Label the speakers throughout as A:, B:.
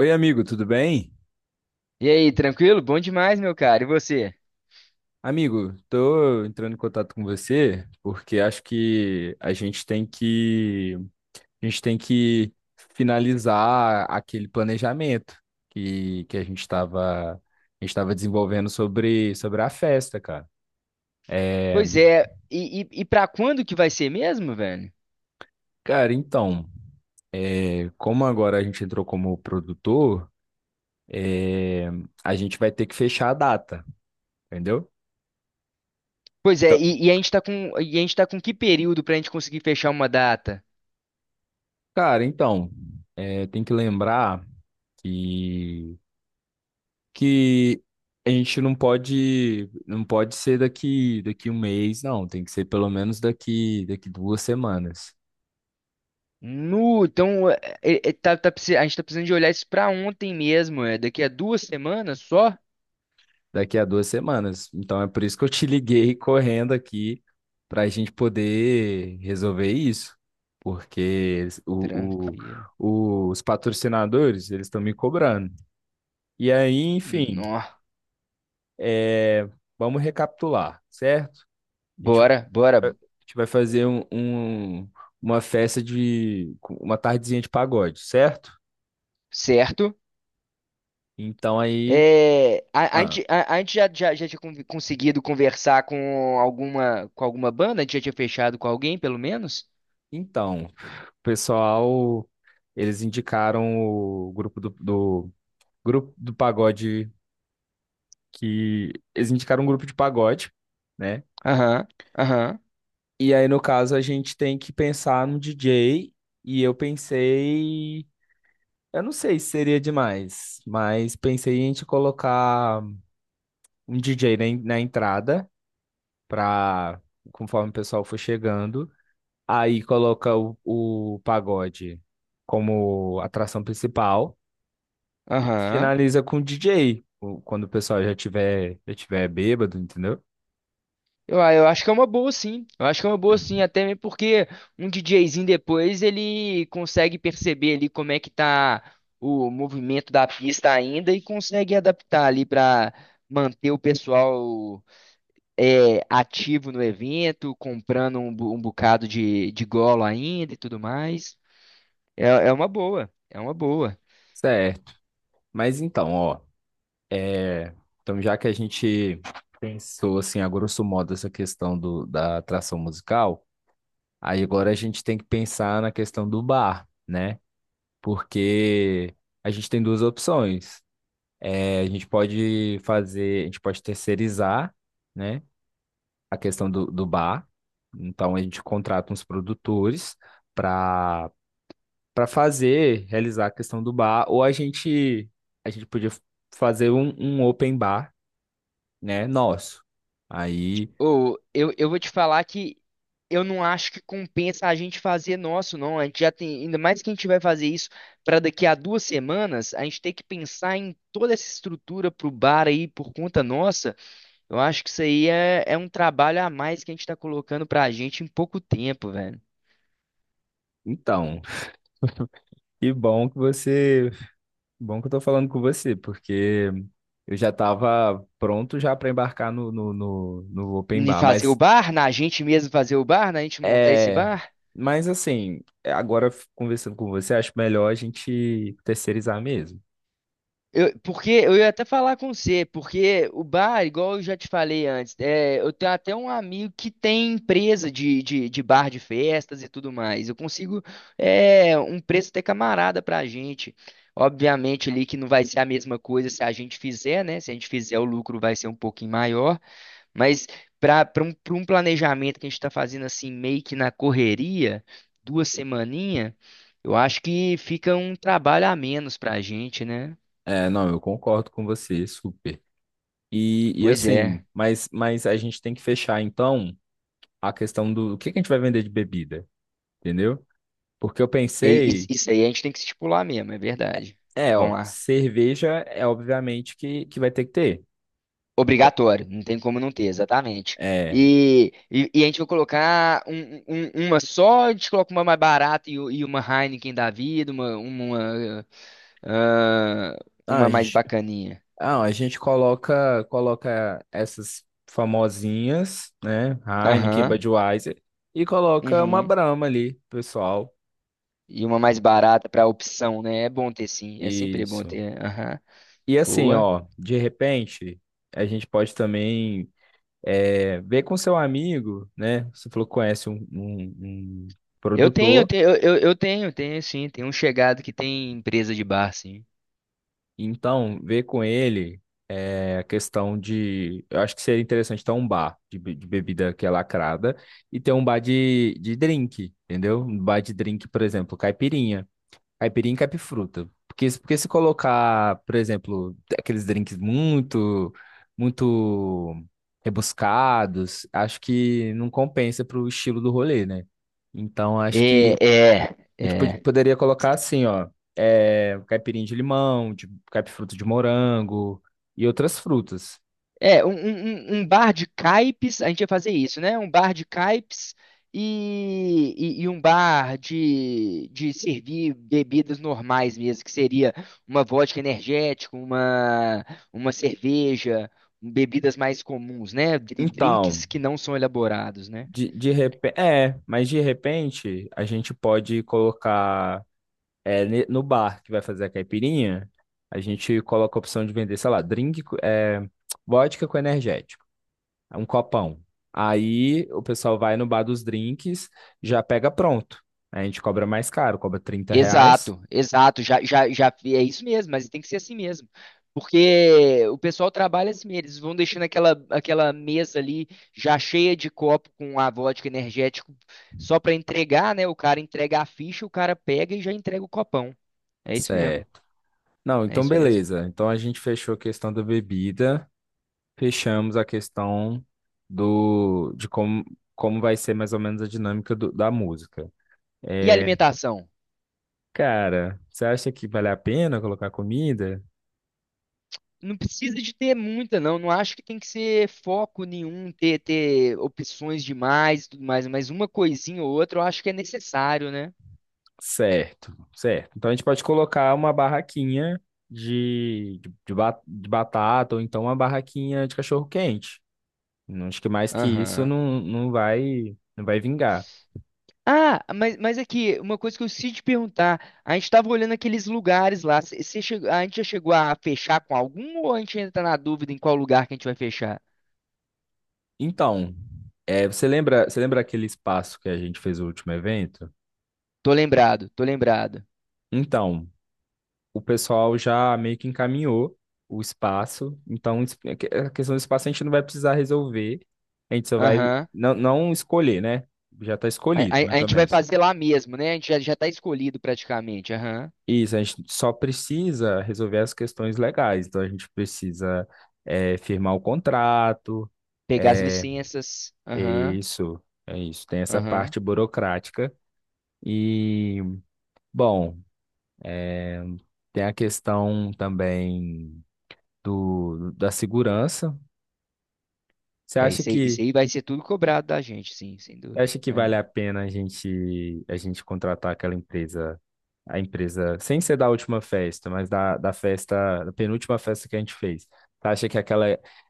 A: Oi, amigo, tudo bem?
B: E aí, tranquilo? Bom demais, meu cara. E você?
A: Amigo, tô entrando em contato com você porque acho que a gente tem que finalizar aquele planejamento que a gente estava desenvolvendo sobre a festa, cara. É,
B: Pois é, e pra quando que vai ser mesmo, velho?
A: cara, então, como agora a gente entrou como produtor, é, a gente vai ter que fechar a data, entendeu?
B: Pois é,
A: Então,
B: e a gente tá com que período pra gente conseguir fechar uma data?
A: cara, então, tem que lembrar que que a gente não pode ser daqui um mês, não, tem que ser pelo menos daqui daqui duas semanas,
B: Nu, então, a gente tá precisando de olhar isso pra ontem mesmo, é daqui a 2 semanas só?
A: daqui a duas semanas. Então é por isso que eu te liguei correndo aqui para a gente poder resolver isso, porque
B: Tranquilo.
A: os patrocinadores eles estão me cobrando. E aí, enfim,
B: Nó.
A: é, vamos recapitular, certo? a gente vai
B: Bora, bora.
A: gente vai fazer uma festa de com uma tardezinha de pagode, certo?
B: Certo?
A: Então aí,
B: É, a, a
A: ah,
B: gente, a, a gente já tinha conseguido conversar com alguma banda? A gente já tinha fechado com alguém, pelo menos?
A: então, o pessoal, eles indicaram o grupo do grupo do pagode que eles indicaram um grupo de pagode, né?
B: Aham, aham,
A: E aí no caso a gente tem que pensar no DJ e eu não sei se seria demais, mas pensei em a gente colocar um DJ na entrada pra, conforme o pessoal for chegando. Aí coloca o pagode como atração principal e
B: aham.
A: finaliza com o DJ, quando o pessoal já tiver bêbado, entendeu?
B: Eu acho que é uma boa, sim. Eu acho que é uma boa, sim, até mesmo porque um DJzinho depois ele consegue perceber ali como é que tá o movimento da pista ainda e consegue adaptar ali para manter o pessoal ativo no evento, comprando um bocado de golo ainda e tudo mais. É, é uma boa, é uma boa.
A: Certo. Mas então, ó, é, então já que a gente pensou assim, a grosso modo, essa questão da atração musical, aí agora a gente tem que pensar na questão do bar, né? Porque a gente tem duas opções. É, a gente pode terceirizar, né, a questão do bar. Então a gente contrata uns produtores para para realizar a questão do bar, ou a gente podia fazer um open bar, né, nosso. Aí,
B: Ou eu vou te falar que eu não acho que compensa a gente fazer nosso, não. A gente já tem, ainda mais que a gente vai fazer isso para daqui a 2 semanas, a gente tem que pensar em toda essa estrutura pro bar aí por conta nossa. Eu acho que isso aí é um trabalho a mais que a gente tá colocando pra gente em pouco tempo, velho.
A: então, que bom que você, bom que eu tô falando com você, porque eu já estava pronto já para embarcar no open
B: Em
A: bar,
B: fazer o
A: mas.
B: bar, na gente mesmo fazer o bar, na gente montar esse
A: É,
B: bar.
A: mas assim, agora conversando com você, acho melhor a gente terceirizar mesmo.
B: Porque eu ia até falar com você, porque o bar, igual eu já te falei antes, eu tenho até um amigo que tem empresa de bar de festas e tudo mais. Eu consigo um preço até camarada pra gente. Obviamente ali que não vai ser a mesma coisa se a gente fizer, né? Se a gente fizer, o lucro vai ser um pouquinho maior, mas para um, pra um planejamento que a gente está fazendo assim, meio que na correria, 2 semaninhas, eu acho que fica um trabalho a menos pra gente, né?
A: É, não, eu concordo com você, super. E
B: Pois é.
A: assim, mas a gente tem que fechar então a questão o que que a gente vai vender de bebida, entendeu? Porque eu
B: E- e-
A: pensei,
B: isso aí a gente tem que estipular mesmo, é verdade. Vamos
A: ó,
B: lá.
A: cerveja é obviamente que vai ter que ter.
B: Obrigatório, não tem como não ter, exatamente.
A: É,
B: E a gente vai colocar uma só, a gente coloca uma mais barata e uma Heineken da vida, ah,
A: ah,
B: uma
A: a
B: mais
A: gente-
B: bacaninha.
A: Ah, a gente coloca essas famosinhas, né? Heineken,
B: Aham,
A: Budweiser, e coloca uma
B: uhum.
A: Brahma ali, pessoal.
B: E uma mais barata para opção, né? É bom ter, sim, é sempre bom
A: Isso.
B: ter. Aham,
A: E assim,
B: boa.
A: ó, de repente, a gente pode também ver com seu amigo, né? Você falou que conhece um
B: Eu tenho, eu
A: produtor.
B: tenho, eu, eu eu tenho, tenho sim. Tem um chegado que tem empresa de bar, sim.
A: Então, ver com ele é a questão de. Eu acho que seria interessante ter um bar de bebida que é lacrada e ter um bar de drink, entendeu? Um bar de drink, por exemplo, caipirinha. Caipirinha e caipifruta. Porque se colocar, por exemplo, aqueles drinks muito, muito rebuscados, acho que não compensa pro estilo do rolê, né? Então, acho
B: É,
A: que
B: é,
A: a gente
B: é.
A: poderia colocar assim, ó, caipirinha de limão, de caipifruta de morango e outras frutas.
B: Um bar de caipes, a gente ia fazer isso, né? Um bar de caipes e um bar de servir bebidas normais mesmo, que seria uma vodka energética, uma cerveja, bebidas mais comuns, né?
A: Então,
B: Drinks que não são elaborados, né?
A: de repente, mas de repente a gente pode colocar no bar que vai fazer a caipirinha, a gente coloca a opção de vender, sei lá, drink, vodka com energético, um copão. Aí o pessoal vai no bar dos drinks, já pega pronto. A gente cobra mais caro, cobra R$ 30.
B: Exato, exato, já é isso mesmo, mas tem que ser assim mesmo. Porque o pessoal trabalha assim, eles vão deixando aquela mesa ali já cheia de copo com a vodka energético só para entregar, né? O cara entrega a ficha, o cara pega e já entrega o copão. É isso mesmo,
A: Certo. Não,
B: é
A: então
B: isso mesmo.
A: beleza. Então a gente fechou a questão da bebida, fechamos a questão do de como vai ser mais ou menos a dinâmica da música.
B: E
A: É,
B: alimentação?
A: cara, você acha que vale a pena colocar comida?
B: Não precisa de ter muita, não. Não acho que tem que ser foco nenhum, ter opções demais e tudo mais, mas uma coisinha ou outra eu acho que é necessário, né?
A: Certo, certo. Então a gente pode colocar uma barraquinha de batata ou então uma barraquinha de cachorro-quente. Não acho que mais que isso
B: Aham.
A: não, não vai vingar.
B: Ah, mas aqui, uma coisa que eu preciso te perguntar, a gente tava olhando aqueles lugares lá, a gente já chegou a fechar com algum ou a gente ainda tá na dúvida em qual lugar que a gente vai fechar?
A: Então, você lembra aquele espaço que a gente fez o último evento?
B: Tô lembrado, tô lembrado.
A: Então, o pessoal já meio que encaminhou o espaço. Então, é a questão do espaço a gente não vai precisar resolver. A gente só vai
B: Aham.
A: não, não escolher, né? Já está
B: A,
A: escolhido,
B: a- a
A: mais ou
B: gente vai
A: menos.
B: fazer lá mesmo, né? A gente já tá escolhido praticamente, aham.
A: Isso, a gente só precisa resolver as questões legais. Então, a gente precisa firmar o contrato.
B: Pegar as
A: É,
B: licenças,
A: é
B: aham,
A: isso, é isso. Tem essa
B: aham.
A: parte burocrática. E, bom. Tem a questão também da segurança. Você
B: É,
A: acha
B: isso
A: que
B: aí vai ser tudo cobrado da gente, sim, sem
A: você
B: dúvida.
A: acha que vale
B: É.
A: a pena a gente contratar a empresa sem ser da última festa, mas da penúltima festa que a gente fez? Você acha que aquela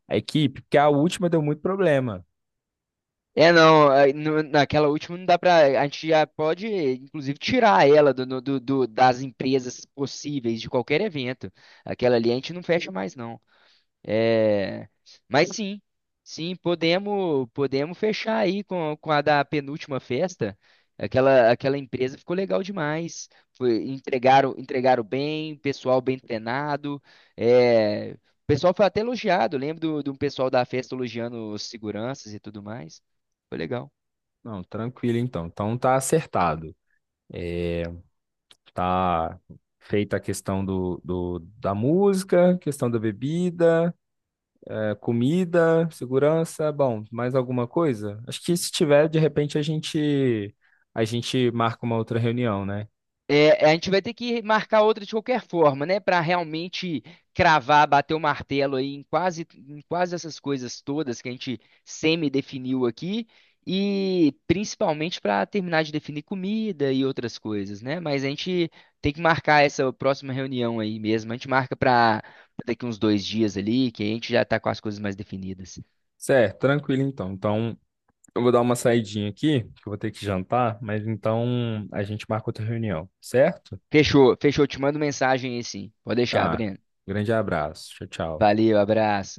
A: a equipe, porque a última deu muito problema.
B: É, não, aí naquela última não dá pra. A gente já pode, inclusive, tirar ela do, no- do, do- das empresas possíveis de qualquer evento. Aquela ali a gente não fecha mais, não. É, mas sim, sim, podemos fechar aí com a da penúltima festa. Aquela empresa ficou legal demais. Entregaram bem, pessoal bem treinado. O pessoal foi até elogiado. Lembro do pessoal da festa elogiando os seguranças e tudo mais. Foi legal.
A: Não, tranquilo então. Então tá acertado. É, tá feita a questão da música, questão da bebida. Comida, segurança, bom, mais alguma coisa? Acho que se tiver, de repente a gente marca uma outra reunião, né?
B: É, a gente vai ter que marcar outra de qualquer forma, né? Para realmente cravar, bater o martelo aí em quase essas coisas todas que a gente semi-definiu aqui, e principalmente para terminar de definir comida e outras coisas, né? Mas a gente tem que marcar essa próxima reunião aí mesmo. A gente marca para daqui uns 2 dias ali, que a gente já tá com as coisas mais definidas.
A: Certo, tranquilo então. Então, eu vou dar uma saidinha aqui, que eu vou ter que jantar, mas então a gente marca outra reunião, certo?
B: Fechou, fechou. Te mando mensagem aí, sim. Pode deixar,
A: Tá.
B: Breno.
A: Grande abraço. Tchau, tchau.
B: Valeu, abraço.